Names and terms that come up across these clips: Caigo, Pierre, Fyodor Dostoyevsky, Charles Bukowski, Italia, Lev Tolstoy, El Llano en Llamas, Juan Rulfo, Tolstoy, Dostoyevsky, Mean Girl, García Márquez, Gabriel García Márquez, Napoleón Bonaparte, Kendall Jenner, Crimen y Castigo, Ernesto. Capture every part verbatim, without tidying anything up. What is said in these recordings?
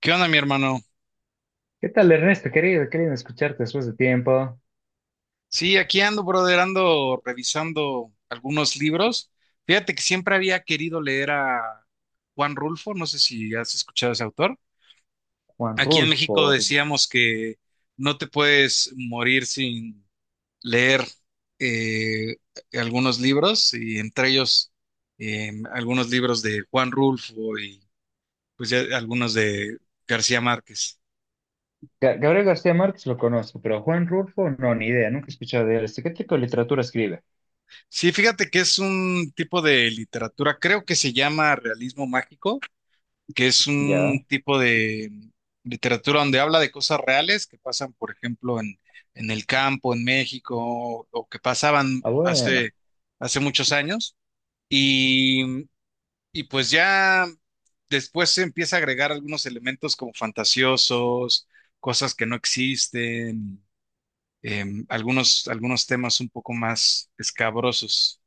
¿Qué onda, mi hermano? ¿Qué tal, Ernesto? Querido, querido escucharte después de tiempo. Sí, aquí ando, brother, ando revisando algunos libros. Fíjate que siempre había querido leer a Juan Rulfo, no sé si has escuchado a ese autor. Juan Aquí en México Rulfo. decíamos que no te puedes morir sin leer eh, algunos libros, y entre ellos eh, algunos libros de Juan Rulfo y pues ya algunos de García Márquez. Ga- Gabriel García Márquez lo conozco, pero Juan Rulfo no, ni idea, nunca he escuchado de él. Este, ¿qué tipo de literatura escribe? Sí, fíjate que es un tipo de literatura, creo que se llama realismo mágico, que es un Ya. tipo de mm, literatura donde habla de cosas reales que pasan, por ejemplo, en, en el campo, en México, o que pasaban Ah, bueno. hace, hace muchos años. Y, mm, y pues ya después se empieza a agregar algunos elementos como fantasiosos, cosas que no existen, em, algunos, algunos temas un poco más escabrosos.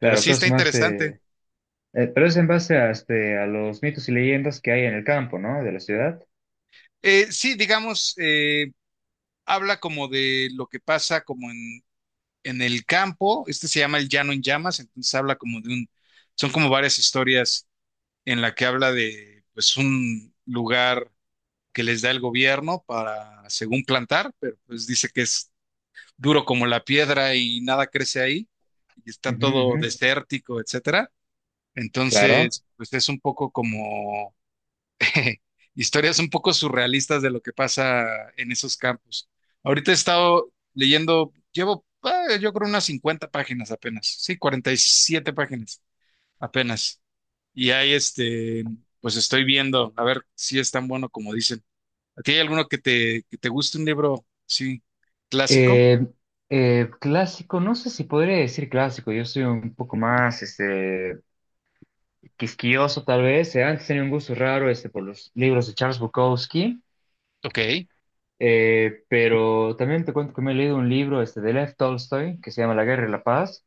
Pero sí está cosas más interesante. eh, eh, pero es en base a, este, a los mitos y leyendas que hay en el campo, ¿no? De la ciudad. Eh, sí, digamos, eh, habla como de lo que pasa como en, en el campo. Este se llama El Llano en Llamas, entonces habla como de un, son como varias historias en la que habla de pues un lugar que les da el gobierno para, según plantar, pero pues dice que es duro como la piedra y nada crece ahí, y está Ujú, todo ujú. desértico, etcétera. Claro. Entonces, pues es un poco como historias un poco surrealistas de lo que pasa en esos campos. Ahorita he estado leyendo, llevo ah, yo creo unas cincuenta páginas apenas, sí, cuarenta y siete páginas apenas. Y ahí este, pues estoy viendo, a ver si es tan bueno como dicen. ¿A ti hay alguno que te, que te guste un libro, sí, clásico? Eh, eh, clásico, no sé si podría decir clásico, yo soy un poco más este, quisquilloso tal vez. Eh, Antes tenía un gusto raro este, por los libros de Charles Bukowski. Ok. Eh, pero también te cuento que me he leído un libro este, de Lev Tolstoy que se llama La Guerra y la Paz,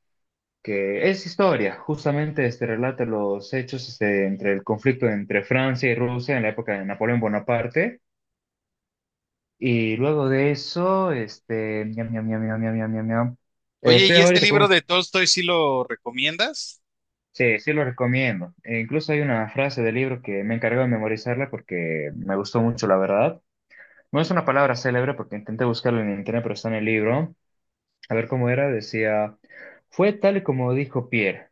que es historia, justamente este, relata los hechos este, entre el conflicto entre Francia y Rusia en la época de Napoleón Bonaparte. Y luego de eso, este, ñam, ñam, ñam, ñam, ñam, ñam, ñam, ñam. Eh, Oye, Estoy ¿y este ahorita con libro un-. de Tolstoy sí lo recomiendas? Sí, sí lo recomiendo. E incluso hay una frase del libro que me encargó de memorizarla porque me gustó mucho, la verdad. No es una palabra célebre porque intenté buscarla en internet, pero está en el libro. A ver cómo era, decía, fue tal y como dijo Pierre,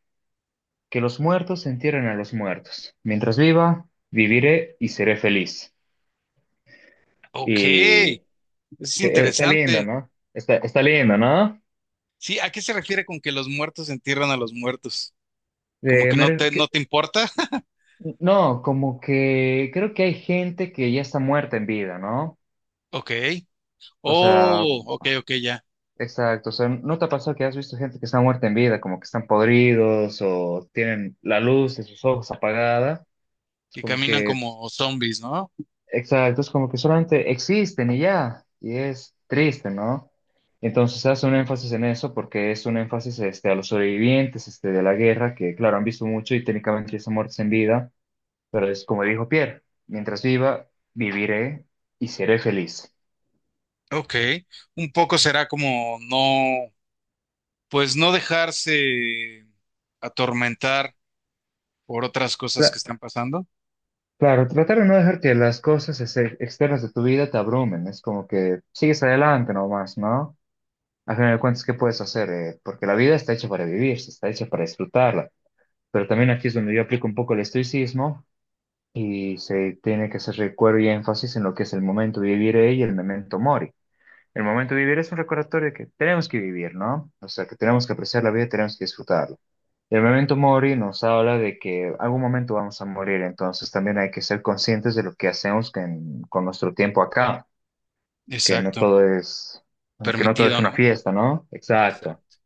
que los muertos se entierren a los muertos. Mientras viva, viviré y seré feliz. Ok, eso Y es se- está lindo, interesante. ¿no? Está, está lindo, ¿no? Sí, ¿a qué se refiere con que los muertos entierran a los muertos? Como Eh, que no me- te, no que- te importa. no, como que creo que hay gente que ya está muerta en vida, ¿no? Ok. O sea, Oh, ok, ok, ya. exacto, o sea, ¿no te ha pasado que has visto gente que está muerta en vida, como que están podridos o tienen la luz de sus ojos apagada? Es Que como caminan que como zombies, ¿no? exacto, es como que solamente existen y ya, y es triste, ¿no? Entonces hace un énfasis en eso porque es un énfasis este, a los sobrevivientes este, de la guerra, que claro, han visto mucho y técnicamente son muertos en vida, pero es como dijo Pierre, mientras viva, viviré y seré feliz. Ok. Un poco será como no, pues no dejarse atormentar por otras cosas Cla- que están pasando. claro, tratar de no dejar que las cosas este, externas de tu vida te abrumen, es como que sigues adelante nomás, ¿no? Al final de cuentas, ¿qué puedes hacer? Eh, porque la vida está hecha para vivir, está hecha para disfrutarla. Pero también aquí es donde yo aplico un poco el estoicismo y se tiene que hacer recuerdo y énfasis en lo que es el momento vivire y el memento mori. El momento vivir es un recordatorio de que tenemos que vivir, ¿no? O sea, que tenemos que apreciar la vida, tenemos que disfrutarla. Y el memento mori nos habla de que algún momento vamos a morir, entonces también hay que ser conscientes de lo que hacemos con, con nuestro tiempo acá, que no Exacto. todo es, que no todo es Permitido, una ¿no? fiesta, ¿no? Exacto. Exacto.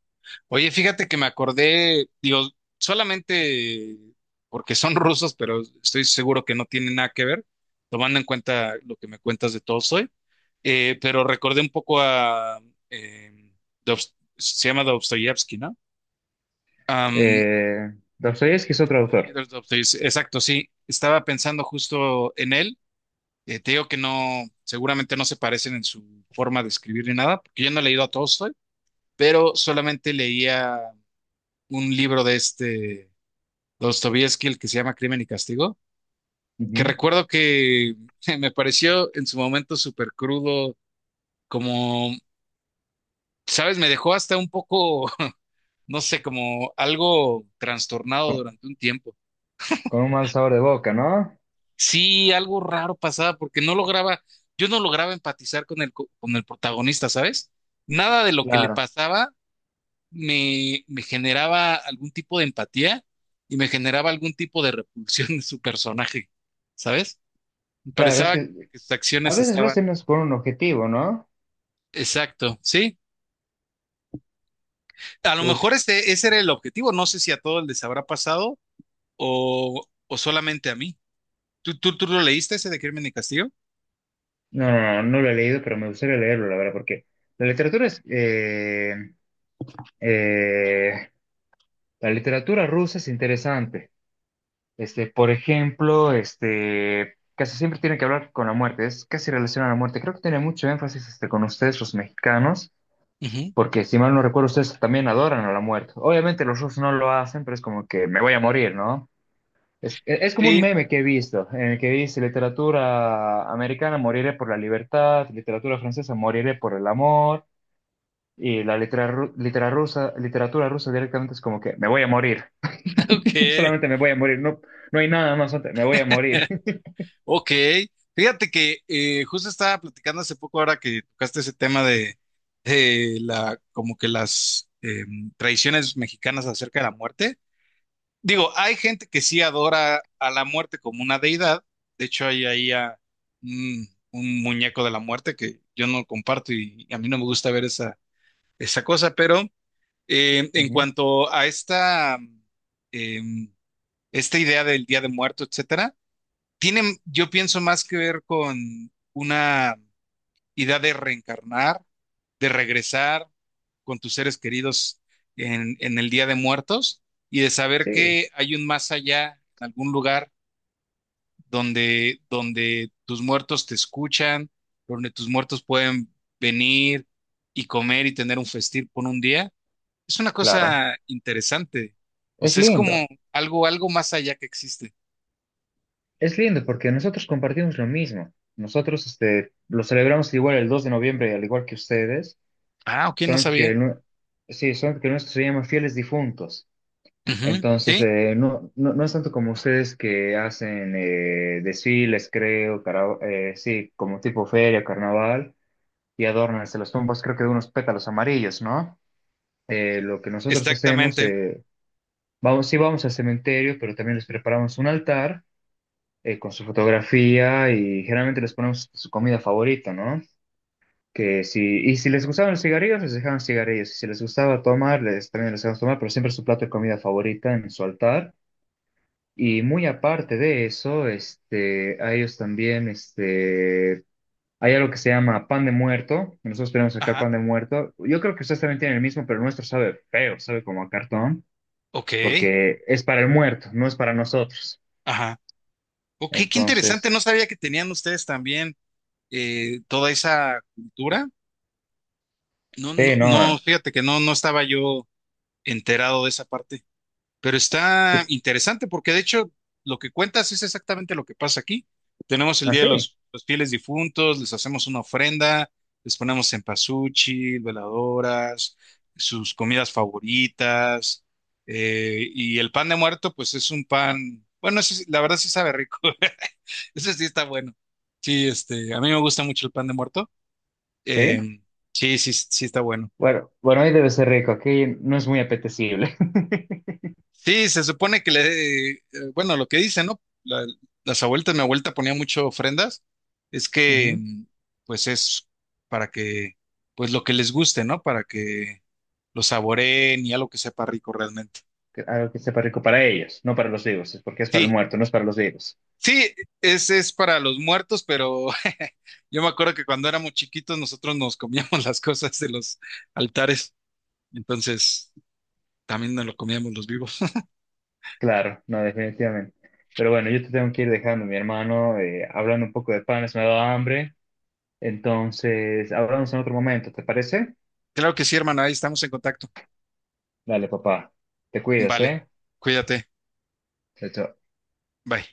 Oye, fíjate que me acordé, digo, solamente porque son rusos, pero estoy seguro que no tienen nada que ver, tomando en cuenta lo que me cuentas de todo. Eh, pero recordé un poco a... eh, Dobst- se llama Dostoyevsky, ¿no? Am, Eh, Dostoyevsky es otro autor. Fyodor Dostoyevsky, exacto, sí. Estaba pensando justo en él. Eh, te digo que no, seguramente no se parecen en su forma de escribir ni nada, porque yo no he leído a Tolstoy, pero solamente leía un libro de este Dostoyevsky, el que se llama Crimen y Castigo, que Ujú. recuerdo que me pareció en su momento súper crudo, como, ¿sabes? Me dejó hasta un poco no sé, como algo trastornado Con, durante un tiempo. con un mal sabor de boca, ¿no? Sí, algo raro pasaba porque no lograba, yo no lograba empatizar con el, co- con el protagonista, ¿sabes? Nada de lo que le Claro, pasaba me, me generaba algún tipo de empatía y me generaba algún tipo de repulsión en su personaje, ¿sabes? Me claro, es parecía que que sus a acciones veces lo estaban... hacemos con un objetivo, ¿no? Exacto, sí. A lo Uf, mejor este, ese era el objetivo. No sé si a todos les habrá pasado o, o solamente a mí. ¿Tú, tú, tú lo leíste ese de Crimen y Castigo? no, no, no, no lo he leído, pero me gustaría leerlo, la verdad, porque la literatura es, eh, eh, la literatura rusa es interesante. Este, por ejemplo, este, casi siempre tiene que hablar con la muerte, es casi relacionado a la muerte. Creo que tiene mucho énfasis, este, con ustedes, los mexicanos, Ujú. porque si mal no recuerdo, ustedes también adoran a la muerte. Obviamente los rusos no lo hacen, pero es como que me voy a morir, ¿no? Es, e-, es como un Sí, meme que he visto, en el que dice literatura americana moriré por la libertad, literatura francesa moriré por el amor, y la litera- ru- litera rusa, literatura rusa directamente es como que me voy a morir. ok, Solamente me voy a morir, no, no hay nada más, antes, me voy a morir. ok. Fíjate que eh, justo estaba platicando hace poco ahora que tocaste ese tema de, de la, como que las em, tradiciones mexicanas acerca de la muerte. Digo, hay gente que sí adora a la muerte como una deidad. De hecho, hay ahí a, mm, un muñeco de la muerte que yo no comparto y, a mí no me gusta ver esa, esa cosa, pero eh, en Ujú. cuanto a esta... em, esta idea del Día de Muerto, etcétera, tiene, yo pienso, más que ver con una idea de reencarnar, de regresar con tus seres queridos en, en el Día de Muertos y de saber Sí, que hay un más allá, en algún lugar donde, donde tus muertos te escuchan, donde tus muertos pueden venir y comer y tener un festín por un día. Es una claro. cosa interesante. O Es sea, es lindo. como algo, algo más allá que existe. Es lindo porque nosotros compartimos lo mismo. Nosotros este, lo celebramos igual el dos de noviembre, al igual que ustedes, Ah, ok, no solamente que, sabía. el nue- sí, solamente que el nuestro se llama Fieles Difuntos. Ujú, Entonces, sí, eh, no, no, no es tanto como ustedes que hacen eh, desfiles, creo, cara- eh, sí, como tipo feria, carnaval, y adornan hasta las tumbas, creo que de unos pétalos amarillos, ¿no? Eh, lo que nosotros hacemos, exactamente. eh, vamos, sí vamos al cementerio, pero también les preparamos un altar eh, con su fotografía y generalmente les ponemos su comida favorita, ¿no? Que si, y si les gustaban los cigarrillos, les dejaban cigarrillos, y si les gustaba tomar, les, también les dejaban tomar, pero siempre su plato de comida favorita en su altar. Y muy aparte de eso, este, a ellos también, este, hay algo que se llama pan de muerto. Nosotros tenemos acá Ajá. pan de muerto. Yo creo que ustedes también tienen el mismo, pero el nuestro sabe feo, sabe como a cartón, Ok. porque es para el muerto, no es para nosotros. Ajá. Ok, qué interesante. No Entonces, sabía que tenían ustedes también eh, toda esa cultura. No, no, sí, no, no, fíjate que no, no estaba yo enterado de esa parte. Pero está sí, interesante porque de hecho lo que cuentas es exactamente lo que pasa aquí. Tenemos el Día de así, los, los Fieles Difuntos, les hacemos una ofrenda, les ponemos cempasúchil, veladoras, sus comidas favoritas. Eh, y el pan de muerto, pues es un pan, bueno, ese sí- la verdad sí sabe rico. Ese sí está bueno. Sí, este, a mí me gusta mucho el pan de muerto. sí. Sí. Em, sí, sí, sí está bueno. Bueno, bueno, ahí debe ser rico, aquí no es muy apetecible. Sí, se supone que le, eh, bueno, lo que dicen, ¿no? La- las abuelitas, mi abuelita ponía mucho ofrendas, es que, Ujú. mm, pues es para que, pues lo que les guste, ¿no? Para que lo saboreen y algo que sepa rico realmente. Que- algo que sepa rico para ellos, no para los vivos, es porque es para el Sí, muerto, no es para los vivos. sí, ese es para los muertos, pero yo me acuerdo que cuando éramos chiquitos nosotros nos comíamos las cosas de los altares, entonces también nos lo comíamos los vivos. Claro, no, definitivamente. Pero bueno, yo te tengo que ir dejando, mi hermano, eh, hablando un poco de panes, me ha dado hambre. Entonces, hablamos en otro momento, ¿te parece? Claro que sí, hermano, ahí estamos en contacto. Dale, papá. Te cuidas, Vale, ¿eh? cuídate, Chao, chao. bye.